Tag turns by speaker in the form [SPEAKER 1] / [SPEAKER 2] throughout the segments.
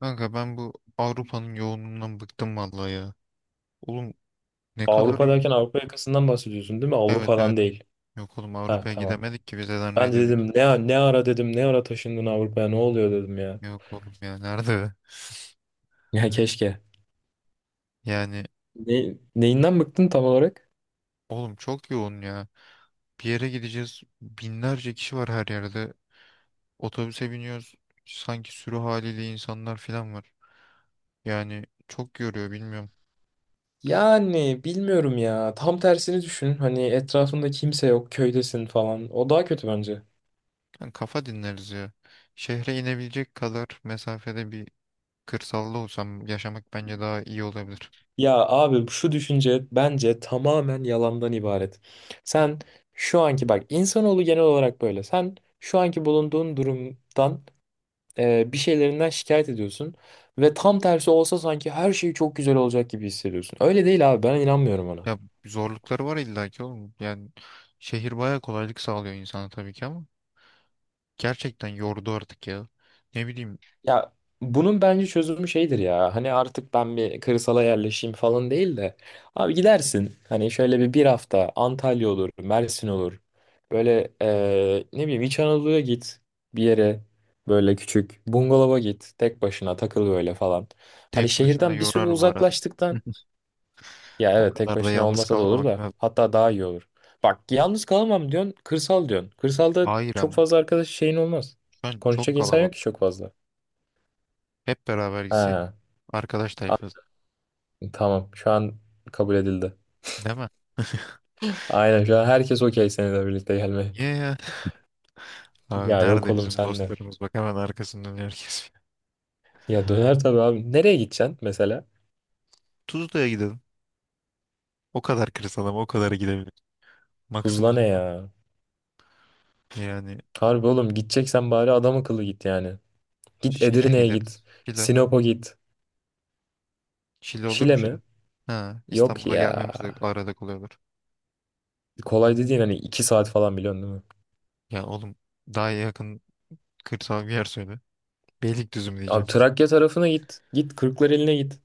[SPEAKER 1] Kanka ben bu Avrupa'nın yoğunluğundan bıktım vallahi ya. Oğlum, ne kadar
[SPEAKER 2] Avrupa
[SPEAKER 1] y-
[SPEAKER 2] derken Avrupa yakasından bahsediyorsun değil mi?
[SPEAKER 1] evet, evet.
[SPEAKER 2] Avrupa'dan değil.
[SPEAKER 1] Yok oğlum,
[SPEAKER 2] Ha,
[SPEAKER 1] Avrupa'ya
[SPEAKER 2] tamam.
[SPEAKER 1] gidemedik ki vizeden
[SPEAKER 2] Ben de dedim
[SPEAKER 1] reddedik.
[SPEAKER 2] ne ara, dedim ne ara taşındın Avrupa'ya, ne oluyor, dedim ya.
[SPEAKER 1] Yok oğlum ya, nerede?
[SPEAKER 2] Ya keşke.
[SPEAKER 1] Yani
[SPEAKER 2] Neyinden bıktın tam olarak?
[SPEAKER 1] oğlum, çok yoğun ya. Bir yere gideceğiz, binlerce kişi var her yerde. Otobüse biniyoruz, sanki sürü haliyle insanlar falan var. Yani çok yoruyor, bilmiyorum.
[SPEAKER 2] Yani bilmiyorum ya. Tam tersini düşün. Hani etrafında kimse yok, köydesin falan. O daha kötü bence.
[SPEAKER 1] Yani kafa dinleriz ya. Şehre inebilecek kadar mesafede bir kırsalda olsam yaşamak bence daha iyi olabilir.
[SPEAKER 2] Ya abi şu düşünce bence tamamen yalandan ibaret. Sen şu anki bak, insanoğlu genel olarak böyle. Sen şu anki bulunduğun durumdan bir şeylerinden şikayet ediyorsun ve tam tersi olsa sanki her şey çok güzel olacak gibi hissediyorsun. Öyle değil abi, ben inanmıyorum ona.
[SPEAKER 1] Ya zorlukları var illaki oğlum. Yani şehir bayağı kolaylık sağlıyor insana tabii ki, ama gerçekten yordu artık ya. Ne bileyim,
[SPEAKER 2] Ya bunun bence çözümü şeydir, ya hani artık ben bir kırsala yerleşeyim falan değil de, abi gidersin hani şöyle bir hafta Antalya olur Mersin olur, böyle ne bileyim İç Anadolu'ya git, bir yere böyle küçük bungalova git, tek başına takıl böyle falan. Hani
[SPEAKER 1] tek başına
[SPEAKER 2] şehirden bir süre
[SPEAKER 1] yorar bu arada.
[SPEAKER 2] uzaklaştıktan. Ya
[SPEAKER 1] O
[SPEAKER 2] evet, tek
[SPEAKER 1] kadar da
[SPEAKER 2] başına
[SPEAKER 1] yalnız
[SPEAKER 2] olmasa da olur,
[SPEAKER 1] kalmamak
[SPEAKER 2] da
[SPEAKER 1] lazım.
[SPEAKER 2] hatta daha iyi olur. Bak, yalnız kalamam diyorsun, kırsal diyorsun. Kırsalda
[SPEAKER 1] Hayır
[SPEAKER 2] çok
[SPEAKER 1] ama
[SPEAKER 2] fazla arkadaş şeyin olmaz.
[SPEAKER 1] şu an çok
[SPEAKER 2] Konuşacak insan yok ki
[SPEAKER 1] kalabalık.
[SPEAKER 2] çok fazla.
[SPEAKER 1] Hep beraber gitsek,
[SPEAKER 2] Ha,
[SPEAKER 1] arkadaş
[SPEAKER 2] a-
[SPEAKER 1] tayfası,
[SPEAKER 2] tamam, şu an kabul edildi.
[SPEAKER 1] değil mi?
[SPEAKER 2] Aynen, şu an herkes okey seninle birlikte gelmeye.
[SPEAKER 1] Yeah. Abi
[SPEAKER 2] Ya yok
[SPEAKER 1] nerede
[SPEAKER 2] oğlum,
[SPEAKER 1] bizim
[SPEAKER 2] sen de.
[SPEAKER 1] dostlarımız, bak hemen arkasından herkes.
[SPEAKER 2] Ya döner tabii abi. Nereye gideceksin mesela?
[SPEAKER 1] Tuzla'ya gidelim. O kadar kırsal ama o kadar gidebiliriz.
[SPEAKER 2] Tuzla
[SPEAKER 1] Maksimum
[SPEAKER 2] ne ya?
[SPEAKER 1] yani.
[SPEAKER 2] Harbi oğlum, gideceksen bari adam akıllı git yani. Git
[SPEAKER 1] Şile
[SPEAKER 2] Edirne'ye git.
[SPEAKER 1] gideriz, Şile.
[SPEAKER 2] Sinop'a git.
[SPEAKER 1] Şili olur mu
[SPEAKER 2] Şile
[SPEAKER 1] Şili?
[SPEAKER 2] mi?
[SPEAKER 1] Ha,
[SPEAKER 2] Yok
[SPEAKER 1] İstanbul'a
[SPEAKER 2] ya.
[SPEAKER 1] gelmemiz de arada kolay olur.
[SPEAKER 2] Kolay dediğin hani 2 saat falan, biliyorsun değil mi?
[SPEAKER 1] Ya oğlum, daha yakın kırsal bir yer söyle. Beylikdüzü mü
[SPEAKER 2] Abi
[SPEAKER 1] diyeceğim?
[SPEAKER 2] Trakya tarafına git. Git Kırklareli'ne git.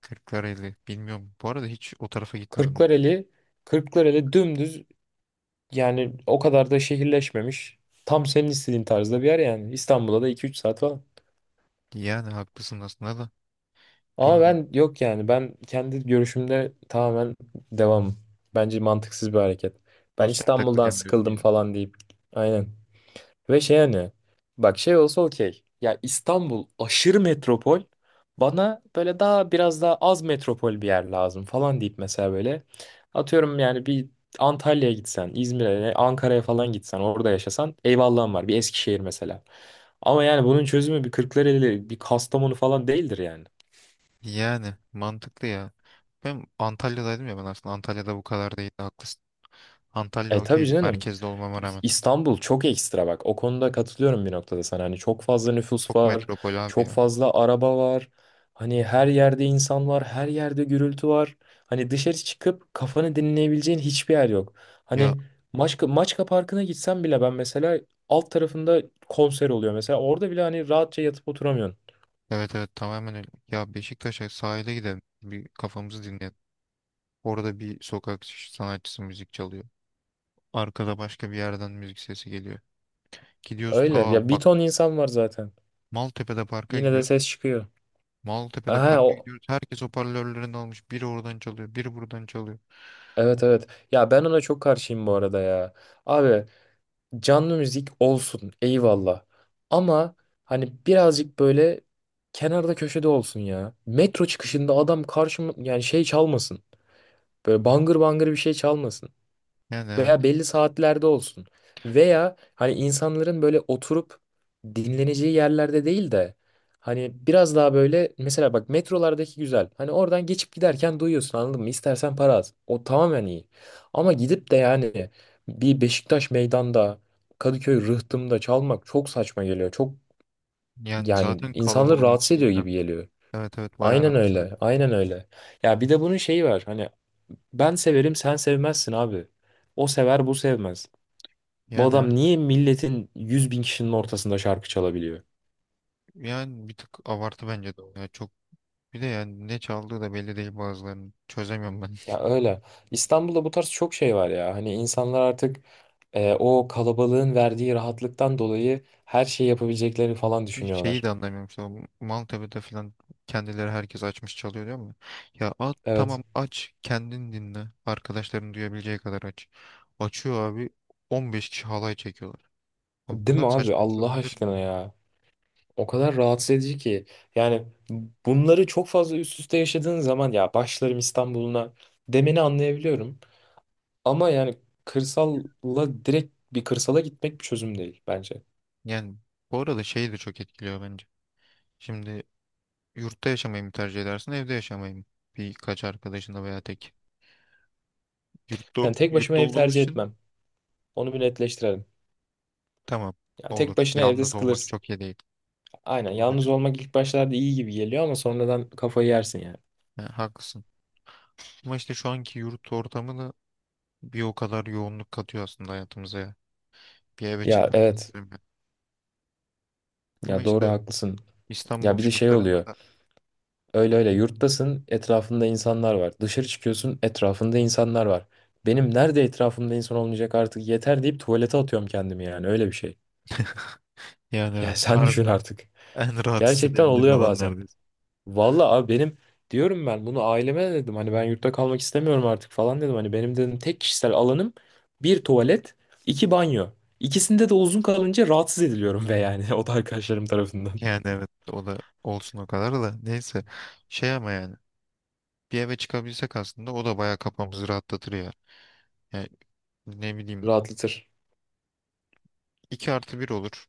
[SPEAKER 1] Kırklareli bilmiyorum. Bu arada hiç o tarafa gitmedim ben.
[SPEAKER 2] Kırklareli, Kırklareli dümdüz yani, o kadar da şehirleşmemiş. Tam senin istediğin tarzda bir yer yani. İstanbul'a da 2-3 saat falan.
[SPEAKER 1] Yani haklısın aslında da,
[SPEAKER 2] Ama
[SPEAKER 1] bilmiyorum.
[SPEAKER 2] ben yok yani, ben kendi görüşümde tamamen devam. Bence mantıksız bir hareket. Ben
[SPEAKER 1] Sosyal
[SPEAKER 2] İstanbul'dan
[SPEAKER 1] takılacağım diyorsun
[SPEAKER 2] sıkıldım
[SPEAKER 1] yani.
[SPEAKER 2] falan deyip. Aynen. Ve şey hani, bak, şey olsa okey. Ya İstanbul aşırı metropol. Bana böyle daha biraz daha az metropol bir yer lazım falan deyip mesela, böyle atıyorum yani, bir Antalya'ya gitsen, İzmir'e, Ankara'ya falan gitsen, orada yaşasan eyvallahım var. Bir Eskişehir mesela. Ama yani bunun çözümü bir Kırklareli, bir Kastamonu falan değildir yani.
[SPEAKER 1] Yani mantıklı ya. Ben Antalya'daydım ya, ben aslında Antalya'da bu kadar değildi, haklısın. Antalya
[SPEAKER 2] E tabii
[SPEAKER 1] okeydi
[SPEAKER 2] canım.
[SPEAKER 1] merkezde olmama rağmen.
[SPEAKER 2] İstanbul çok ekstra bak. O konuda katılıyorum bir noktada sana. Hani çok fazla nüfus
[SPEAKER 1] Çok
[SPEAKER 2] var,
[SPEAKER 1] metropol abi
[SPEAKER 2] çok
[SPEAKER 1] ya.
[SPEAKER 2] fazla araba var. Hani her yerde insan var, her yerde gürültü var. Hani dışarı çıkıp kafanı dinleyebileceğin hiçbir yer yok.
[SPEAKER 1] Ya
[SPEAKER 2] Hani Maçka Parkı'na gitsem bile ben mesela, alt tarafında konser oluyor mesela. Orada bile hani rahatça yatıp oturamıyorsun.
[SPEAKER 1] evet, evet, tamamen öyle. Ya Beşiktaş'a sahile gidelim. Bir kafamızı dinleyelim. Orada bir sokak sanatçısı müzik çalıyor. Arkada başka bir yerden müzik sesi geliyor. Gidiyoruz
[SPEAKER 2] Öyle.
[SPEAKER 1] ta
[SPEAKER 2] Ya bir
[SPEAKER 1] bak,
[SPEAKER 2] ton insan var zaten.
[SPEAKER 1] Maltepe'de parka
[SPEAKER 2] Yine de
[SPEAKER 1] gidiyoruz.
[SPEAKER 2] ses çıkıyor.
[SPEAKER 1] Maltepe'de
[SPEAKER 2] Aha
[SPEAKER 1] parka
[SPEAKER 2] o
[SPEAKER 1] gidiyoruz. Herkes hoparlörlerini almış. Biri oradan çalıyor, biri buradan çalıyor.
[SPEAKER 2] Evet, evet. Ya ben ona çok karşıyım bu arada ya. Abi, canlı müzik olsun eyvallah. Ama hani birazcık böyle kenarda köşede olsun ya. Metro çıkışında adam karşıma yani şey çalmasın. Böyle bangır bangır bir şey çalmasın,
[SPEAKER 1] Yani evet.
[SPEAKER 2] veya belli saatlerde olsun. Veya hani insanların böyle oturup dinleneceği yerlerde değil de, hani biraz daha böyle mesela, bak, metrolardaki güzel. Hani oradan geçip giderken duyuyorsun, anladın mı? İstersen para az. O tamamen iyi. Ama gidip de yani bir Beşiktaş meydanda, Kadıköy Rıhtım'da çalmak çok saçma geliyor. Çok
[SPEAKER 1] Yani
[SPEAKER 2] yani,
[SPEAKER 1] zaten
[SPEAKER 2] insanları
[SPEAKER 1] kalabalığın
[SPEAKER 2] rahatsız ediyor
[SPEAKER 1] şeyinden.
[SPEAKER 2] gibi geliyor.
[SPEAKER 1] Evet, evet, bayağı
[SPEAKER 2] Aynen
[SPEAKER 1] rahatsız edici.
[SPEAKER 2] öyle. Aynen öyle. Ya bir de bunun şeyi var. Hani ben severim sen sevmezsin abi. O sever, bu sevmez. Bu
[SPEAKER 1] Yani evet.
[SPEAKER 2] adam niye milletin 100.000 kişinin ortasında şarkı çalabiliyor?
[SPEAKER 1] Yani bir tık abartı bence de o. Ya çok, bir de yani ne çaldığı da belli değil bazılarının. Çözemiyorum ben.
[SPEAKER 2] Ya öyle. İstanbul'da bu tarz çok şey var ya. Hani insanlar artık o kalabalığın verdiği rahatlıktan dolayı her şeyi yapabileceklerini falan
[SPEAKER 1] Bir şeyi de
[SPEAKER 2] düşünüyorlar.
[SPEAKER 1] anlamıyorum, işte o Maltepe'de falan kendileri herkes açmış çalıyor, diyor mu? Ya at
[SPEAKER 2] Evet.
[SPEAKER 1] tamam, aç kendin dinle. Arkadaşların duyabileceği kadar aç. Açıyor abi, 15 kişi halay çekiyorlar. Abi, bu
[SPEAKER 2] Değil
[SPEAKER 1] kadar
[SPEAKER 2] mi abi?
[SPEAKER 1] saçma bir şey
[SPEAKER 2] Allah
[SPEAKER 1] olabilir mi?
[SPEAKER 2] aşkına ya. O kadar rahatsız edici ki. Yani bunları çok fazla üst üste yaşadığın zaman, ya başlarım İstanbul'una demeni anlayabiliyorum. Ama yani kırsalla direkt bir kırsala gitmek bir çözüm değil bence.
[SPEAKER 1] Yani bu arada şeyi de çok etkiliyor bence. Şimdi, yurtta yaşamayı mı tercih edersin, evde yaşamayı mı? Birkaç arkadaşınla veya tek. Yurtta,
[SPEAKER 2] Yani tek başıma
[SPEAKER 1] yurtta
[SPEAKER 2] ev
[SPEAKER 1] olduğumuz
[SPEAKER 2] tercih
[SPEAKER 1] için
[SPEAKER 2] etmem. Onu bir netleştirelim.
[SPEAKER 1] tamam,
[SPEAKER 2] Ya
[SPEAKER 1] olur.
[SPEAKER 2] tek başına evde
[SPEAKER 1] Yalnız olmak
[SPEAKER 2] sıkılırsın.
[SPEAKER 1] çok iyi değil.
[SPEAKER 2] Aynen.
[SPEAKER 1] Doğru
[SPEAKER 2] Yalnız
[SPEAKER 1] diyorsun.
[SPEAKER 2] olmak ilk başlarda iyi gibi geliyor ama sonradan kafayı yersin yani.
[SPEAKER 1] Ha, haklısın. Ama işte şu anki yurt ortamı da bir o kadar yoğunluk katıyor aslında hayatımıza ya. Bir eve
[SPEAKER 2] Ya
[SPEAKER 1] çıkmayı
[SPEAKER 2] evet.
[SPEAKER 1] istiyorum ya. Ama
[SPEAKER 2] Ya doğru,
[SPEAKER 1] işte
[SPEAKER 2] haklısın.
[SPEAKER 1] İstanbul
[SPEAKER 2] Ya bir de şey
[SPEAKER 1] şartlarında
[SPEAKER 2] oluyor.
[SPEAKER 1] da
[SPEAKER 2] Öyle öyle yurttasın, etrafında insanlar var. Dışarı çıkıyorsun, etrafında insanlar var. Benim nerede etrafımda insan olmayacak artık, yeter deyip tuvalete atıyorum kendimi, yani öyle bir şey.
[SPEAKER 1] yani
[SPEAKER 2] Ya
[SPEAKER 1] evet,
[SPEAKER 2] sen düşün
[SPEAKER 1] harbiden
[SPEAKER 2] artık.
[SPEAKER 1] en rahat
[SPEAKER 2] Gerçekten
[SPEAKER 1] hissedebildiğin
[SPEAKER 2] oluyor
[SPEAKER 1] alan
[SPEAKER 2] bazen.
[SPEAKER 1] neredeyse.
[SPEAKER 2] Vallahi abi benim, diyorum, ben bunu aileme de dedim, hani ben yurtta kalmak istemiyorum artık falan dedim. Hani benim, dedim, tek kişisel alanım bir tuvalet, iki banyo. İkisinde de uzun kalınca rahatsız ediliyorum ve yani o da arkadaşlarım tarafından.
[SPEAKER 1] Yani evet, o da olsun, o kadar da neyse, şey ama yani bir eve çıkabilsek aslında o da bayağı kafamızı rahatlatır ya. Yani ne bileyim,
[SPEAKER 2] Rahatlatır.
[SPEAKER 1] 2+1 olur.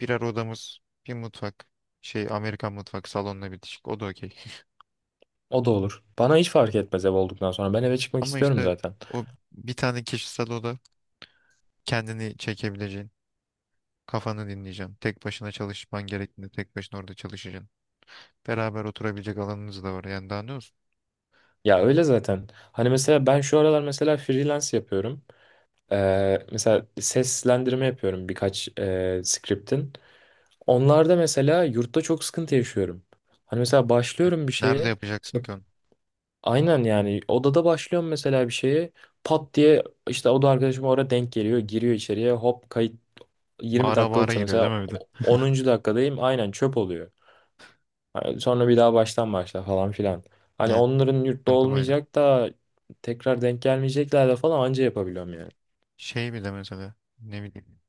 [SPEAKER 1] Birer odamız, bir mutfak, şey Amerikan mutfak salonla bitişik, o da okey.
[SPEAKER 2] O da olur. Bana hiç fark etmez ev olduktan sonra. Ben eve çıkmak
[SPEAKER 1] Ama
[SPEAKER 2] istiyorum
[SPEAKER 1] işte
[SPEAKER 2] zaten.
[SPEAKER 1] o, bir tane kişisel oda, kendini çekebileceğin. Kafanı dinleyeceksin. Tek başına çalışman gerektiğinde tek başına orada çalışacaksın. Beraber oturabilecek alanınız da var. Yani daha ne olsun?
[SPEAKER 2] Ya öyle zaten. Hani mesela ben şu aralar mesela freelance yapıyorum. Mesela seslendirme yapıyorum birkaç script'in. Onlarda mesela yurtta çok sıkıntı yaşıyorum. Hani mesela
[SPEAKER 1] Yani
[SPEAKER 2] başlıyorum bir
[SPEAKER 1] nerede
[SPEAKER 2] şeye. İşte
[SPEAKER 1] yapacaksın ki onu?
[SPEAKER 2] aynen, yani odada başlıyorum mesela bir şeye. Pat diye işte oda arkadaşım orada denk geliyor. Giriyor içeriye, hop, kayıt 20
[SPEAKER 1] Bağıra bağıra
[SPEAKER 2] dakikalıksa
[SPEAKER 1] giriyor
[SPEAKER 2] mesela,
[SPEAKER 1] değil mi bir de?
[SPEAKER 2] 10. dakikadayım, aynen çöp oluyor. Hani sonra bir daha baştan başla falan filan. Hani
[SPEAKER 1] Yani
[SPEAKER 2] onların yurtta
[SPEAKER 1] sıkıntı bayağı.
[SPEAKER 2] olmayacak da tekrar denk gelmeyecekler de falan, anca yapabiliyorum yani.
[SPEAKER 1] Şey bir de mesela, ne bileyim.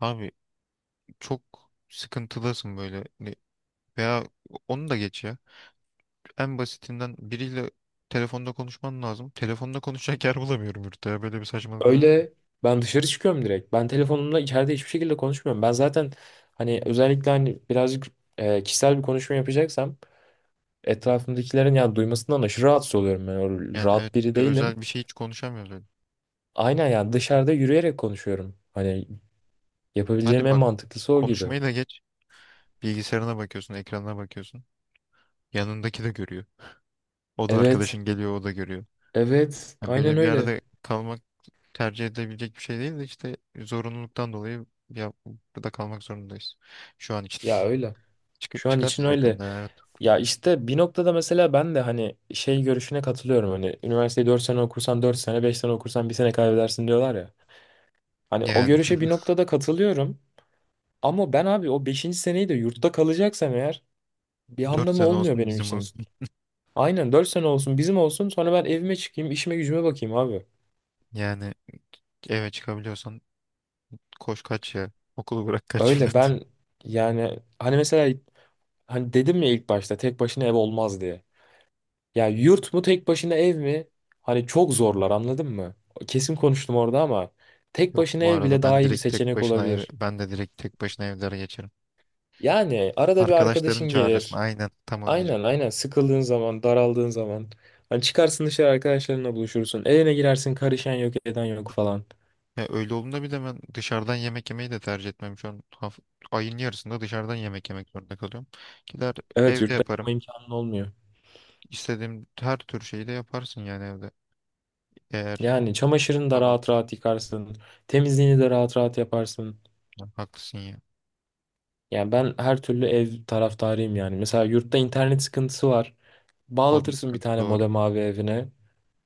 [SPEAKER 1] Abi çok sıkıntılısın böyle. Veya onu da geç ya. En basitinden biriyle telefonda konuşman lazım. Telefonda konuşacak yer bulamıyorum yurtta ya. Böyle bir saçmalık olabilir mi?
[SPEAKER 2] Öyle, ben dışarı çıkıyorum direkt. Ben telefonumla içeride hiçbir şekilde konuşmuyorum. Ben zaten hani özellikle hani birazcık kişisel bir konuşma yapacaksam etrafımdakilerin yani duymasından aşırı rahatsız oluyorum. Ben öyle
[SPEAKER 1] Yani evet,
[SPEAKER 2] rahat
[SPEAKER 1] bir
[SPEAKER 2] biri
[SPEAKER 1] de
[SPEAKER 2] değilim.
[SPEAKER 1] özel bir şey hiç konuşamıyoruz öyle.
[SPEAKER 2] Aynen yani dışarıda yürüyerek konuşuyorum. Hani
[SPEAKER 1] Hadi
[SPEAKER 2] yapabileceğim en
[SPEAKER 1] bak,
[SPEAKER 2] mantıklısı o gibi.
[SPEAKER 1] konuşmayı da geç. Bilgisayarına bakıyorsun, ekranına bakıyorsun. Yanındaki de görüyor. O da
[SPEAKER 2] Evet,
[SPEAKER 1] arkadaşın geliyor, o da görüyor.
[SPEAKER 2] evet,
[SPEAKER 1] Yani
[SPEAKER 2] aynen
[SPEAKER 1] böyle bir
[SPEAKER 2] öyle.
[SPEAKER 1] yerde kalmak tercih edebilecek bir şey değil de işte zorunluluktan dolayı ya, burada kalmak zorundayız. Şu an için.
[SPEAKER 2] Ya öyle. Şu an için
[SPEAKER 1] Çıkarız
[SPEAKER 2] öyle.
[SPEAKER 1] yakında, evet.
[SPEAKER 2] Ya işte bir noktada mesela ben de hani şey görüşüne katılıyorum. Hani üniversiteyi 4 sene okursan 4 sene, 5 sene okursan 1 sene kaybedersin diyorlar ya. Hani o
[SPEAKER 1] Yani
[SPEAKER 2] görüşe bir noktada katılıyorum. Ama ben abi o beşinci seneyi de yurtta kalacaksam eğer, bir
[SPEAKER 1] dört
[SPEAKER 2] anlamı
[SPEAKER 1] sene
[SPEAKER 2] olmuyor
[SPEAKER 1] olsun
[SPEAKER 2] benim
[SPEAKER 1] bizim
[SPEAKER 2] için.
[SPEAKER 1] olsun.
[SPEAKER 2] Aynen, 4 sene olsun bizim olsun, sonra ben evime çıkayım işime gücüme bakayım abi.
[SPEAKER 1] Yani eve çıkabiliyorsan koş kaç ya. Okulu bırak kaç falan.
[SPEAKER 2] Öyle, ben yani hani mesela hani dedim ya ilk başta tek başına ev olmaz diye. Ya yurt mu tek başına ev mi? Hani çok zorlar, anladın mı? Kesin konuştum orada ama tek
[SPEAKER 1] Yok,
[SPEAKER 2] başına
[SPEAKER 1] bu
[SPEAKER 2] ev
[SPEAKER 1] arada
[SPEAKER 2] bile daha
[SPEAKER 1] ben
[SPEAKER 2] iyi bir
[SPEAKER 1] direkt tek
[SPEAKER 2] seçenek
[SPEAKER 1] başına ev,
[SPEAKER 2] olabilir.
[SPEAKER 1] ben de direkt tek başına evlere geçerim.
[SPEAKER 2] Yani arada bir
[SPEAKER 1] Arkadaşların
[SPEAKER 2] arkadaşın
[SPEAKER 1] çağırırsın.
[SPEAKER 2] gelir.
[SPEAKER 1] Aynen, tam onu
[SPEAKER 2] Aynen,
[SPEAKER 1] diyecektim.
[SPEAKER 2] aynen, sıkıldığın zaman daraldığın zaman hani çıkarsın dışarı, arkadaşlarınla buluşursun, evine girersin, karışan yok eden yok falan.
[SPEAKER 1] Ya öyle olduğunda bir de ben dışarıdan yemek yemeyi de tercih etmem. Şu an ayın yarısında dışarıdan yemek yemek zorunda kalıyorum. Gider
[SPEAKER 2] Evet,
[SPEAKER 1] evde
[SPEAKER 2] yurtta yapma
[SPEAKER 1] yaparım.
[SPEAKER 2] imkanın olmuyor.
[SPEAKER 1] İstediğim her tür şeyi de yaparsın yani evde. Eğer
[SPEAKER 2] Yani çamaşırını da
[SPEAKER 1] imkan
[SPEAKER 2] rahat
[SPEAKER 1] olursa.
[SPEAKER 2] rahat yıkarsın, temizliğini de rahat rahat yaparsın.
[SPEAKER 1] Ya haklısın ya.
[SPEAKER 2] Yani ben her türlü ev taraftarıyım yani, mesela yurtta internet sıkıntısı var,
[SPEAKER 1] O da
[SPEAKER 2] bağlatırsın bir
[SPEAKER 1] sıkıntı,
[SPEAKER 2] tane
[SPEAKER 1] doğru.
[SPEAKER 2] modem abi evine,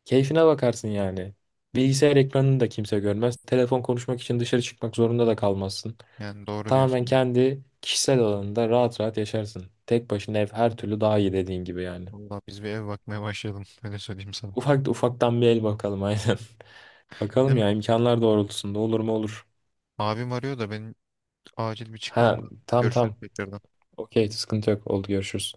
[SPEAKER 2] keyfine bakarsın yani. Bilgisayar ekranını da kimse görmez, telefon konuşmak için dışarı çıkmak zorunda da kalmazsın.
[SPEAKER 1] Yani doğru
[SPEAKER 2] Tamamen
[SPEAKER 1] diyorsun.
[SPEAKER 2] kendi kişisel alanında rahat rahat yaşarsın. Tek başına ev her türlü daha iyi, dediğin gibi yani.
[SPEAKER 1] Valla biz bir ev bakmaya başlayalım. Öyle söyleyeyim sana.
[SPEAKER 2] Ufak da ufaktan bir el bakalım, aynen. Bakalım
[SPEAKER 1] Benim
[SPEAKER 2] ya, imkanlar doğrultusunda olur mu, olur.
[SPEAKER 1] abim arıyor da, benim acil bir çıkmam
[SPEAKER 2] Ha,
[SPEAKER 1] lazım.
[SPEAKER 2] tam,
[SPEAKER 1] Görüşürüz
[SPEAKER 2] tam.
[SPEAKER 1] tekrardan.
[SPEAKER 2] Okey, sıkıntı yok. Oldu, görüşürüz.